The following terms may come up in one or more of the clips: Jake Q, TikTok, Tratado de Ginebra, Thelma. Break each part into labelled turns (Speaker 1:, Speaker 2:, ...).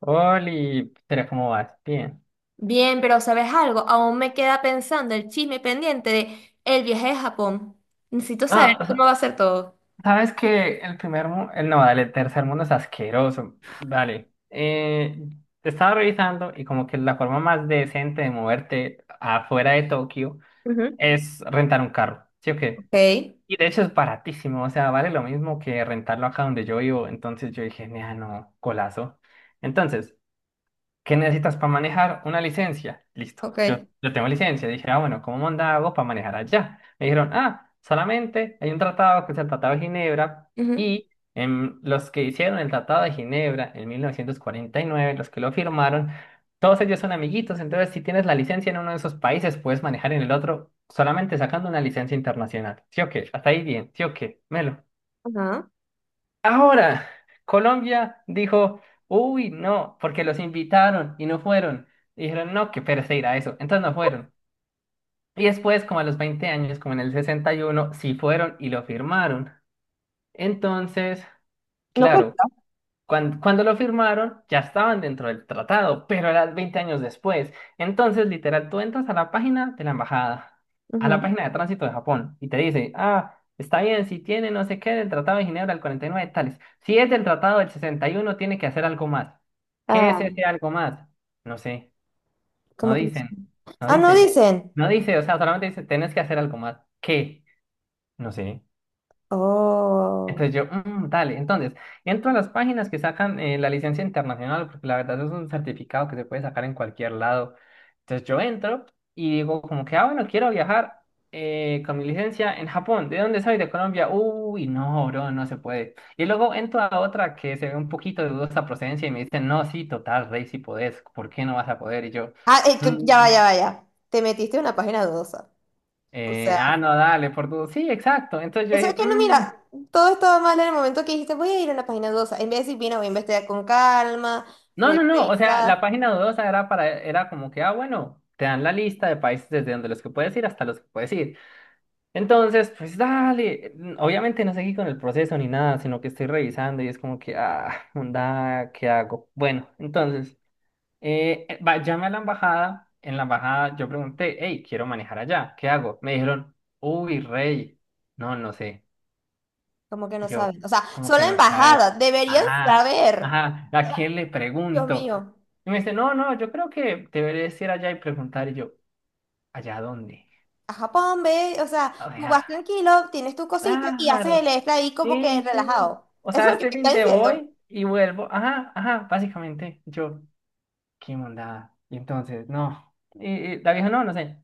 Speaker 1: Oli, pero ¿cómo vas? Bien.
Speaker 2: Bien, pero ¿sabes algo? Aún me queda pensando el chisme pendiente de el viaje a Japón. Necesito saber
Speaker 1: Ah,
Speaker 2: cómo va a ser todo.
Speaker 1: sabes que el primer mundo, no, dale, el tercer mundo es asqueroso. Vale. Te estaba revisando y como que la forma más decente de moverte afuera de Tokio
Speaker 2: Ujú.
Speaker 1: es rentar un carro, ¿sí o qué?
Speaker 2: Ok,
Speaker 1: Y de hecho es baratísimo, o sea, vale lo mismo que rentarlo acá donde yo vivo. Entonces yo dije, "Nea, no, colazo". Entonces, ¿qué necesitas para manejar una licencia? Listo, yo,
Speaker 2: ok.
Speaker 1: yo tengo licencia. Dije, ah, bueno, ¿cómo manda hago para manejar allá? Me dijeron, ah, solamente hay un tratado que es el Tratado de Ginebra
Speaker 2: Ujú.
Speaker 1: y los que hicieron el Tratado de Ginebra en 1949, los que lo firmaron, todos ellos son amiguitos. Entonces, si tienes la licencia en uno de esos países, puedes manejar en el otro solamente sacando una licencia internacional. ¿Sí o qué? Hasta ahí bien, ¿sí o qué? Melo.
Speaker 2: Ajá.
Speaker 1: Ahora, Colombia dijo, uy, no, porque los invitaron y no fueron. Y dijeron, no, qué pereza a eso. Entonces no fueron. Y después, como a los 20 años, como en el 61 sí fueron y lo firmaron. Entonces,
Speaker 2: No
Speaker 1: claro,
Speaker 2: cuenta.
Speaker 1: cuando lo firmaron, ya estaban dentro del tratado, pero eran 20 años después. Entonces, literal, tú entras a la página de la embajada, a la
Speaker 2: Ujú.
Speaker 1: página de tránsito de Japón, y te dice, ah, está bien, si tiene no sé qué del Tratado de Ginebra del 49, tales. Si es del Tratado del 61, tiene que hacer algo más. ¿Qué es
Speaker 2: Ah,
Speaker 1: ese algo más? No sé, no
Speaker 2: ¿cómo que no sé?
Speaker 1: dicen, no
Speaker 2: Ah, no
Speaker 1: dice,
Speaker 2: dicen.
Speaker 1: no dice, o sea, solamente dice, tenés que hacer algo más. ¿Qué? No sé.
Speaker 2: Oh.
Speaker 1: Entonces yo, dale, entonces, entro a las páginas que sacan la licencia internacional, porque la verdad es un certificado que se puede sacar en cualquier lado. Entonces yo entro y digo, como que, ah, bueno, quiero viajar con mi licencia en Japón. ¿De dónde soy? De Colombia. Uy, no, bro, no se puede". Y luego entro a otra que se ve un poquito de dudosa procedencia y me dicen, no, sí, total, rey, sí podés, ¿por qué no vas a poder? Y yo,
Speaker 2: Ah, ya va, ya
Speaker 1: "Mm,
Speaker 2: va, ya. Te metiste en una página dudosa. O sea,
Speaker 1: ah, no, dale, por dudas". Sí, exacto. Entonces yo
Speaker 2: eso es
Speaker 1: dije,
Speaker 2: que no, mira, todo estaba mal en el momento que dijiste, voy a ir a una página dudosa. En vez de decir, mira, voy a investigar con calma,
Speaker 1: No,
Speaker 2: voy
Speaker 1: no,
Speaker 2: a
Speaker 1: no, o sea,
Speaker 2: revisar.
Speaker 1: la página dudosa era para, era como que, ah, bueno, te dan la lista de países desde donde los que puedes ir hasta los que puedes ir". Entonces, pues dale, obviamente no seguí con el proceso ni nada, sino que estoy revisando y es como que, ah, onda, ¿qué hago? Bueno, entonces, llamé a la embajada. En la embajada yo pregunté, hey, quiero manejar allá, ¿qué hago? Me dijeron, uy, rey, no, no sé.
Speaker 2: Como que
Speaker 1: Y
Speaker 2: no
Speaker 1: yo,
Speaker 2: saben. O sea,
Speaker 1: como
Speaker 2: solo
Speaker 1: que
Speaker 2: la
Speaker 1: no sabes,
Speaker 2: embajada, deberían
Speaker 1: ajá,
Speaker 2: saber.
Speaker 1: ajá, ¿a
Speaker 2: Eh,
Speaker 1: quién le
Speaker 2: Dios
Speaker 1: pregunto?
Speaker 2: mío,
Speaker 1: Y me dice, no, no, yo creo que deberías ir allá y preguntar. Y yo, ¿allá dónde?
Speaker 2: a Japón, ve, o sea,
Speaker 1: O
Speaker 2: tú vas
Speaker 1: sea,
Speaker 2: tranquilo, tienes tu cosita y haces
Speaker 1: claro,
Speaker 2: el extra ahí como que
Speaker 1: sí, sí.
Speaker 2: relajado.
Speaker 1: O
Speaker 2: Eso
Speaker 1: sea,
Speaker 2: es lo que
Speaker 1: este
Speaker 2: te
Speaker 1: fin
Speaker 2: está
Speaker 1: de
Speaker 2: diciendo.
Speaker 1: voy y vuelvo, ajá, ajá, básicamente. Y yo, qué mondada. Y entonces, no. y la vieja, no, no sé.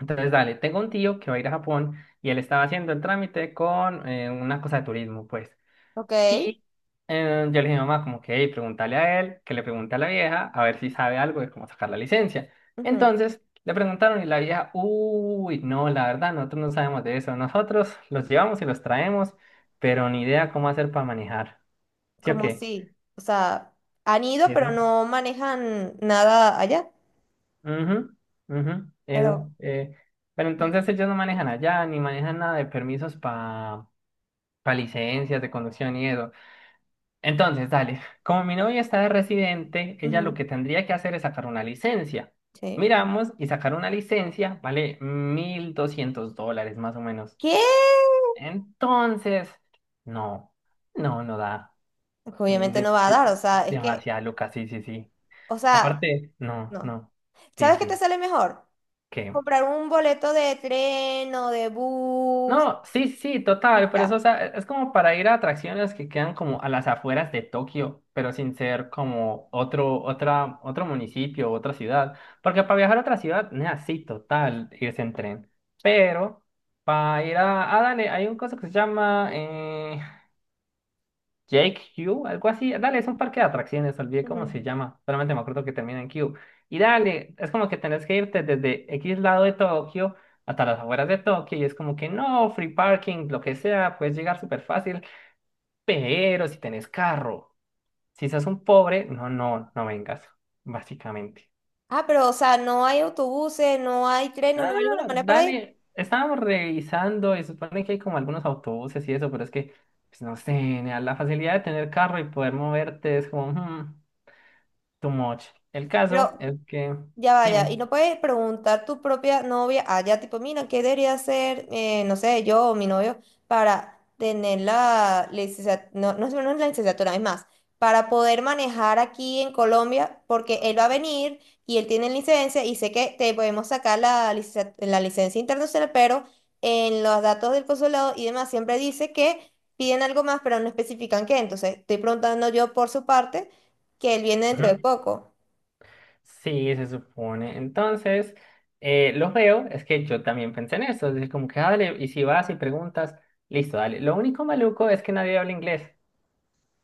Speaker 1: Entonces, dale, tengo un tío que va a ir a Japón y él estaba haciendo el trámite con una cosa de turismo, pues.
Speaker 2: Ok.
Speaker 1: Y yo le dije a mi mamá, como que, hey, pregúntale a él, que le pregunte a la vieja, a ver si sabe algo de cómo sacar la licencia.
Speaker 2: Ujú.
Speaker 1: Entonces, le preguntaron y la vieja, uy, no, la verdad, nosotros no sabemos de eso. Nosotros los llevamos y los traemos, pero ni idea cómo hacer para manejar. ¿Sí o
Speaker 2: Como
Speaker 1: qué?
Speaker 2: si, o sea, han ido,
Speaker 1: Y
Speaker 2: pero no manejan nada allá.
Speaker 1: "Ujú, ujú, eso.
Speaker 2: Pero,
Speaker 1: Eh". Pero entonces ellos no manejan allá, ni manejan nada de permisos para licencias de conducción y eso. Entonces, dale, como mi novia está de residente, ella lo que
Speaker 2: ujú,
Speaker 1: tendría que hacer es sacar una licencia.
Speaker 2: sí.
Speaker 1: Miramos y sacar una licencia vale $1.200 más o menos.
Speaker 2: ¿Qué?
Speaker 1: Entonces, no, no, no da.
Speaker 2: Obviamente
Speaker 1: De-
Speaker 2: no va a
Speaker 1: de-
Speaker 2: dar, o sea, es que,
Speaker 1: demasiado, Lucas, sí, sí, sí.
Speaker 2: o sea,
Speaker 1: Aparte, no,
Speaker 2: no.
Speaker 1: no, sí,
Speaker 2: ¿Sabes qué te
Speaker 1: sí,
Speaker 2: sale mejor?
Speaker 1: ¿qué?
Speaker 2: Comprar un boleto de tren o de bus
Speaker 1: No, sí, sí,
Speaker 2: y
Speaker 1: total, pero eso, o
Speaker 2: ya.
Speaker 1: sea, es como para ir a atracciones que quedan como a las afueras de Tokio, pero sin ser como otro, otra, otro municipio, otra ciudad, porque para viajar a otra ciudad, nea, sí, total, irse en tren, pero para ir a, ah, dale, hay un cosa que se llama, Jake Q, algo así. Dale, es un parque de atracciones, olvidé cómo
Speaker 2: Ujú.
Speaker 1: se llama. Solamente me acuerdo que termina en Q. Y dale, es como que tenés que irte desde X lado de Tokio hasta las afueras de Tokio. Y es como que no, free parking, lo que sea, puedes llegar súper fácil. Pero si tenés carro, si sos un pobre, no, no, no vengas, básicamente.
Speaker 2: Ah, pero o sea, no hay autobuses, no hay trenes,
Speaker 1: Ah,
Speaker 2: no hay alguna manera para ir.
Speaker 1: dale, estábamos revisando y supone que hay como algunos autobuses y eso, pero es que, pues no sé, nea, la facilidad de tener carro y poder moverte es como, too much. El caso
Speaker 2: Pero
Speaker 1: es que,
Speaker 2: ya vaya,
Speaker 1: dime.
Speaker 2: y no puedes preguntar tu propia novia allá, tipo, mira, ¿qué debería hacer, no sé, yo o mi novio para tener la licenciatura, no, no, no es la licenciatura, es más, para poder manejar aquí en Colombia, porque él va a venir y él tiene licencia y sé que te podemos sacar la, la licencia internacional, pero en los datos del consulado y demás siempre dice que piden algo más, pero no especifican qué, entonces estoy preguntando yo por su parte que él viene dentro de
Speaker 1: Ujú.
Speaker 2: poco.
Speaker 1: Sí, se supone. Entonces, lo veo es que yo también pensé en eso. Es decir, como que, ah, dale, y si vas y preguntas, listo, dale. Lo único maluco es que nadie habla inglés.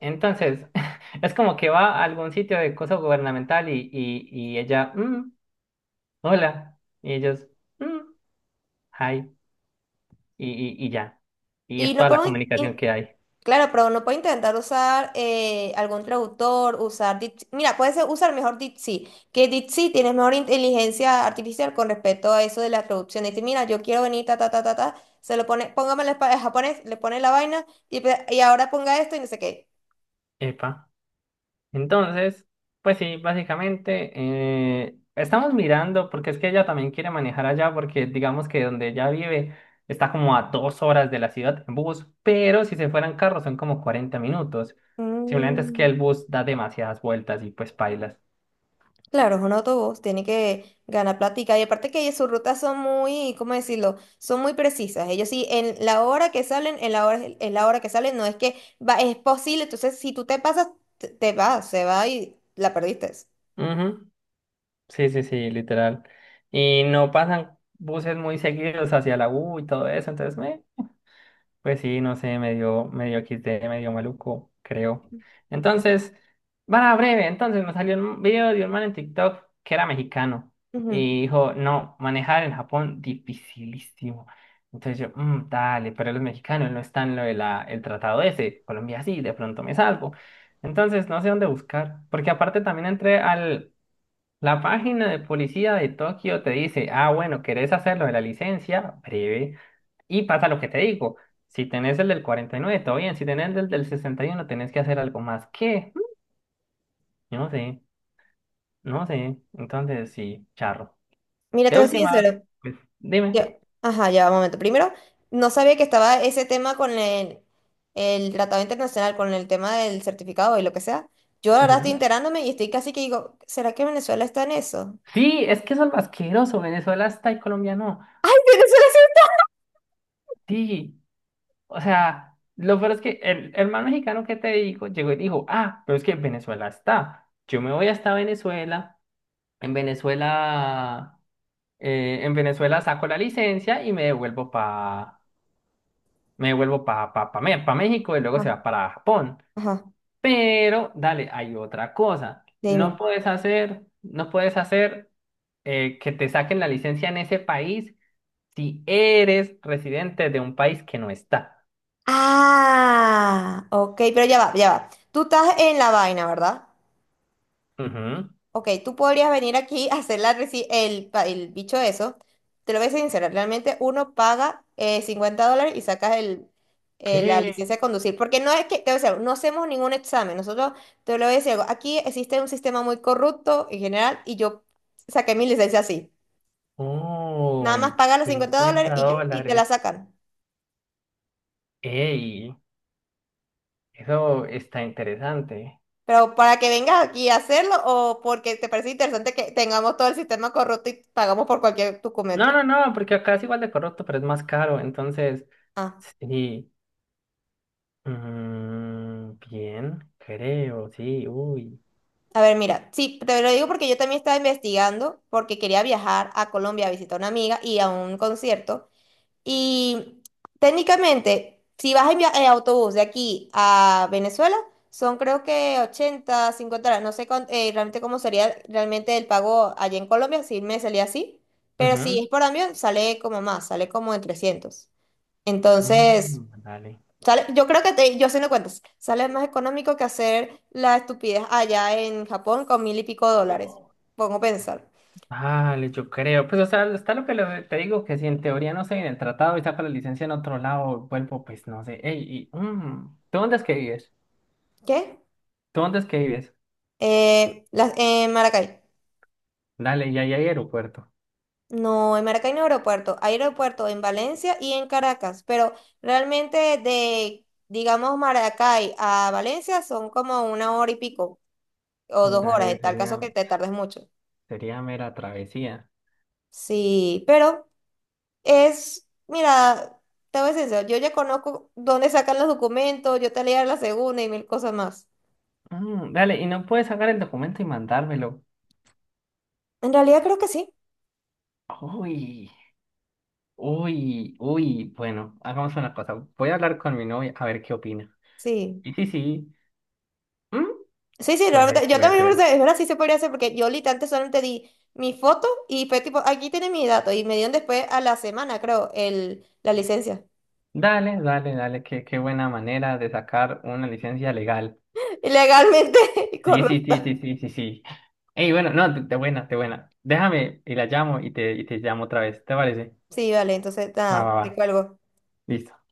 Speaker 1: Entonces, es como que va a algún sitio de cosa gubernamental y ella, hola". Y ellos, "Mm, hi". Y ya. Y
Speaker 2: Y
Speaker 1: es
Speaker 2: no
Speaker 1: toda la
Speaker 2: podemos
Speaker 1: comunicación que hay.
Speaker 2: claro, pero uno puede intentar usar algún traductor, usar Dipsy. Mira, puede ser usar mejor Dipsy, que Dipsy tiene mejor inteligencia artificial con respecto a eso de la traducción. Dice, mira, yo quiero venir, ta, ta, ta, ta, ta. Se lo pone, póngame en japonés, le pone la vaina y, y ahora ponga esto y no sé qué.
Speaker 1: Epa. Entonces, pues sí, básicamente estamos mirando, porque es que ella también quiere manejar allá, porque digamos que donde ella vive está como a 2 horas de la ciudad en bus, pero si se fueran carros son como 40 minutos. Simplemente es que
Speaker 2: Mm.
Speaker 1: el bus da demasiadas vueltas y pues pailas.
Speaker 2: Claro, es un autobús, tiene que ganar plática. Y aparte que sus rutas son muy, ¿cómo decirlo? Son muy precisas. Ellos sí, en la hora que salen, en la hora que salen, no es que va, es posible. Entonces, si tú te pasas, te vas, se va y la perdiste.
Speaker 1: Ujú. Sí, sí, sí, literal. Y no pasan buses muy seguidos hacia la U y todo eso, entonces, meh. Pues sí, no sé, medio XD, medio maluco, creo. Entonces, para breve, entonces me salió un video de un man en TikTok que era mexicano
Speaker 2: Ujú.
Speaker 1: y dijo, no, manejar en Japón dificilísimo. Entonces yo, dale, pero los mexicanos no están en lo de la, el tratado ese, Colombia sí, de pronto me salvo". Entonces no sé dónde buscar, porque aparte también entré al, la página de policía de Tokio te dice, ah, bueno, ¿querés hacerlo de la licencia? Breve. Y pasa lo que te digo. Si tenés el del 49, todo bien. Si tenés el del 61, tenés que hacer algo más. ¿Qué? Yo no sé, no sé. Entonces, sí, charro.
Speaker 2: Mira,
Speaker 1: De
Speaker 2: te voy a decir
Speaker 1: última,
Speaker 2: eso.
Speaker 1: pues,
Speaker 2: Yo,
Speaker 1: dime.
Speaker 2: ajá, ya, un momento. Primero, no sabía que estaba ese tema con el tratado internacional, con el tema del certificado y lo que sea. Yo ahora estoy
Speaker 1: Ujú.
Speaker 2: enterándome y estoy casi que digo, ¿será que Venezuela está en eso?
Speaker 1: Sí, es que eso es lo asqueroso. Venezuela está y Colombia no.
Speaker 2: Venezuela
Speaker 1: Sí, o sea, lo peor es que el hermano mexicano que te digo llegó y dijo, ah, pero es que Venezuela está. Yo me voy hasta Venezuela. En Venezuela, en Venezuela saco la licencia y me devuelvo pa México y
Speaker 2: sí.
Speaker 1: luego se va para Japón.
Speaker 2: Ajá.
Speaker 1: Pero, dale, hay otra cosa. No
Speaker 2: Dime.
Speaker 1: puedes hacer, no puedes hacer que te saquen la licencia en ese país si eres residente de un país que no está.
Speaker 2: Ah, ok, pero ya va, ya va. Tú estás en la vaina, ¿verdad?
Speaker 1: Ujú.
Speaker 2: Ok, tú podrías venir aquí a hacer la el bicho eso. Te lo voy a ser sincera, realmente uno paga 50 dólares y sacas el, la
Speaker 1: ¿Qué?
Speaker 2: licencia de conducir. Porque no es que, te voy a decir algo, no hacemos ningún examen. Nosotros, te lo voy a decir algo, aquí existe un sistema muy corrupto en general y yo saqué mi licencia así.
Speaker 1: Oh.
Speaker 2: Nada más pagas los 50 dólares
Speaker 1: 50
Speaker 2: y ya, y te la
Speaker 1: dólares.
Speaker 2: sacan.
Speaker 1: Ey, eso está interesante.
Speaker 2: Pero para que vengas aquí a hacerlo o porque te parece interesante que tengamos todo el sistema corrupto y pagamos por cualquier
Speaker 1: No,
Speaker 2: documento.
Speaker 1: no, no, porque acá es igual de corrupto, pero es más caro. Entonces,
Speaker 2: Ah,
Speaker 1: sí. Bien, creo, sí, uy.
Speaker 2: a ver, mira, sí, te lo digo porque yo también estaba investigando porque quería viajar a Colombia a visitar a una amiga y a un concierto. Y técnicamente, si vas en, en autobús de aquí a Venezuela, son creo que 80 50 dólares. No sé realmente cómo sería realmente el pago allá en Colombia, si me salía así. Pero si
Speaker 1: Ujú,
Speaker 2: es por avión, sale como más, sale como en 300. Entonces,
Speaker 1: dale.
Speaker 2: sale, yo creo que te, yo haciendo cuentas, sale más económico que hacer la estupidez allá en Japón con 1000 y pico dólares. Pongo a pensar.
Speaker 1: Dale, yo creo. Pues, o sea, está lo que le- te digo, que si en teoría no sé, en el tratado y saco la licencia en otro lado, vuelvo, pues no sé. Ey, y, ¿tú dónde es que vives?
Speaker 2: ¿Qué?
Speaker 1: ¿Tú dónde es que vives?
Speaker 2: En Maracay.
Speaker 1: Dale, y ahí hay aeropuerto.
Speaker 2: No, en Maracay no hay aeropuerto. Hay aeropuerto en Valencia y en Caracas, pero realmente de, digamos, Maracay a Valencia son como una hora y pico o dos horas,
Speaker 1: Dale,
Speaker 2: en tal caso
Speaker 1: sería,
Speaker 2: que te tardes mucho.
Speaker 1: sería mera travesía.
Speaker 2: Sí, pero es, mira, te voy a ser sincera, yo ya conozco dónde sacan los documentos, yo te leía la segunda y mil cosas más.
Speaker 1: Dale, y no puedes sacar el documento y mandármelo.
Speaker 2: En realidad creo que sí,
Speaker 1: Uy. Uy, uy, bueno, hagamos una cosa. Voy a hablar con mi novia a ver qué opina.
Speaker 2: sí.
Speaker 1: Y sí, sí, ¿mm?
Speaker 2: Sí, sí,
Speaker 1: Puede,
Speaker 2: realmente, yo
Speaker 1: puede
Speaker 2: también,
Speaker 1: ser.
Speaker 2: pensé, es verdad, sí se podría hacer, porque yo literalmente solamente di mi foto y fue tipo, aquí tiene mi dato, y me dieron después a la semana, creo, el, la licencia.
Speaker 1: Dale, dale, dale, qué, qué buena manera de sacar una licencia legal.
Speaker 2: Ilegalmente,
Speaker 1: Sí, sí,
Speaker 2: corrupto.
Speaker 1: sí, sí, sí, sí, sí. Ey, bueno, no, de buena, de buena. Déjame y la llamo y te llamo otra vez, ¿te parece?
Speaker 2: Sí, vale, entonces,
Speaker 1: Va,
Speaker 2: nada,
Speaker 1: va, va.
Speaker 2: te cuelgo.
Speaker 1: Listo.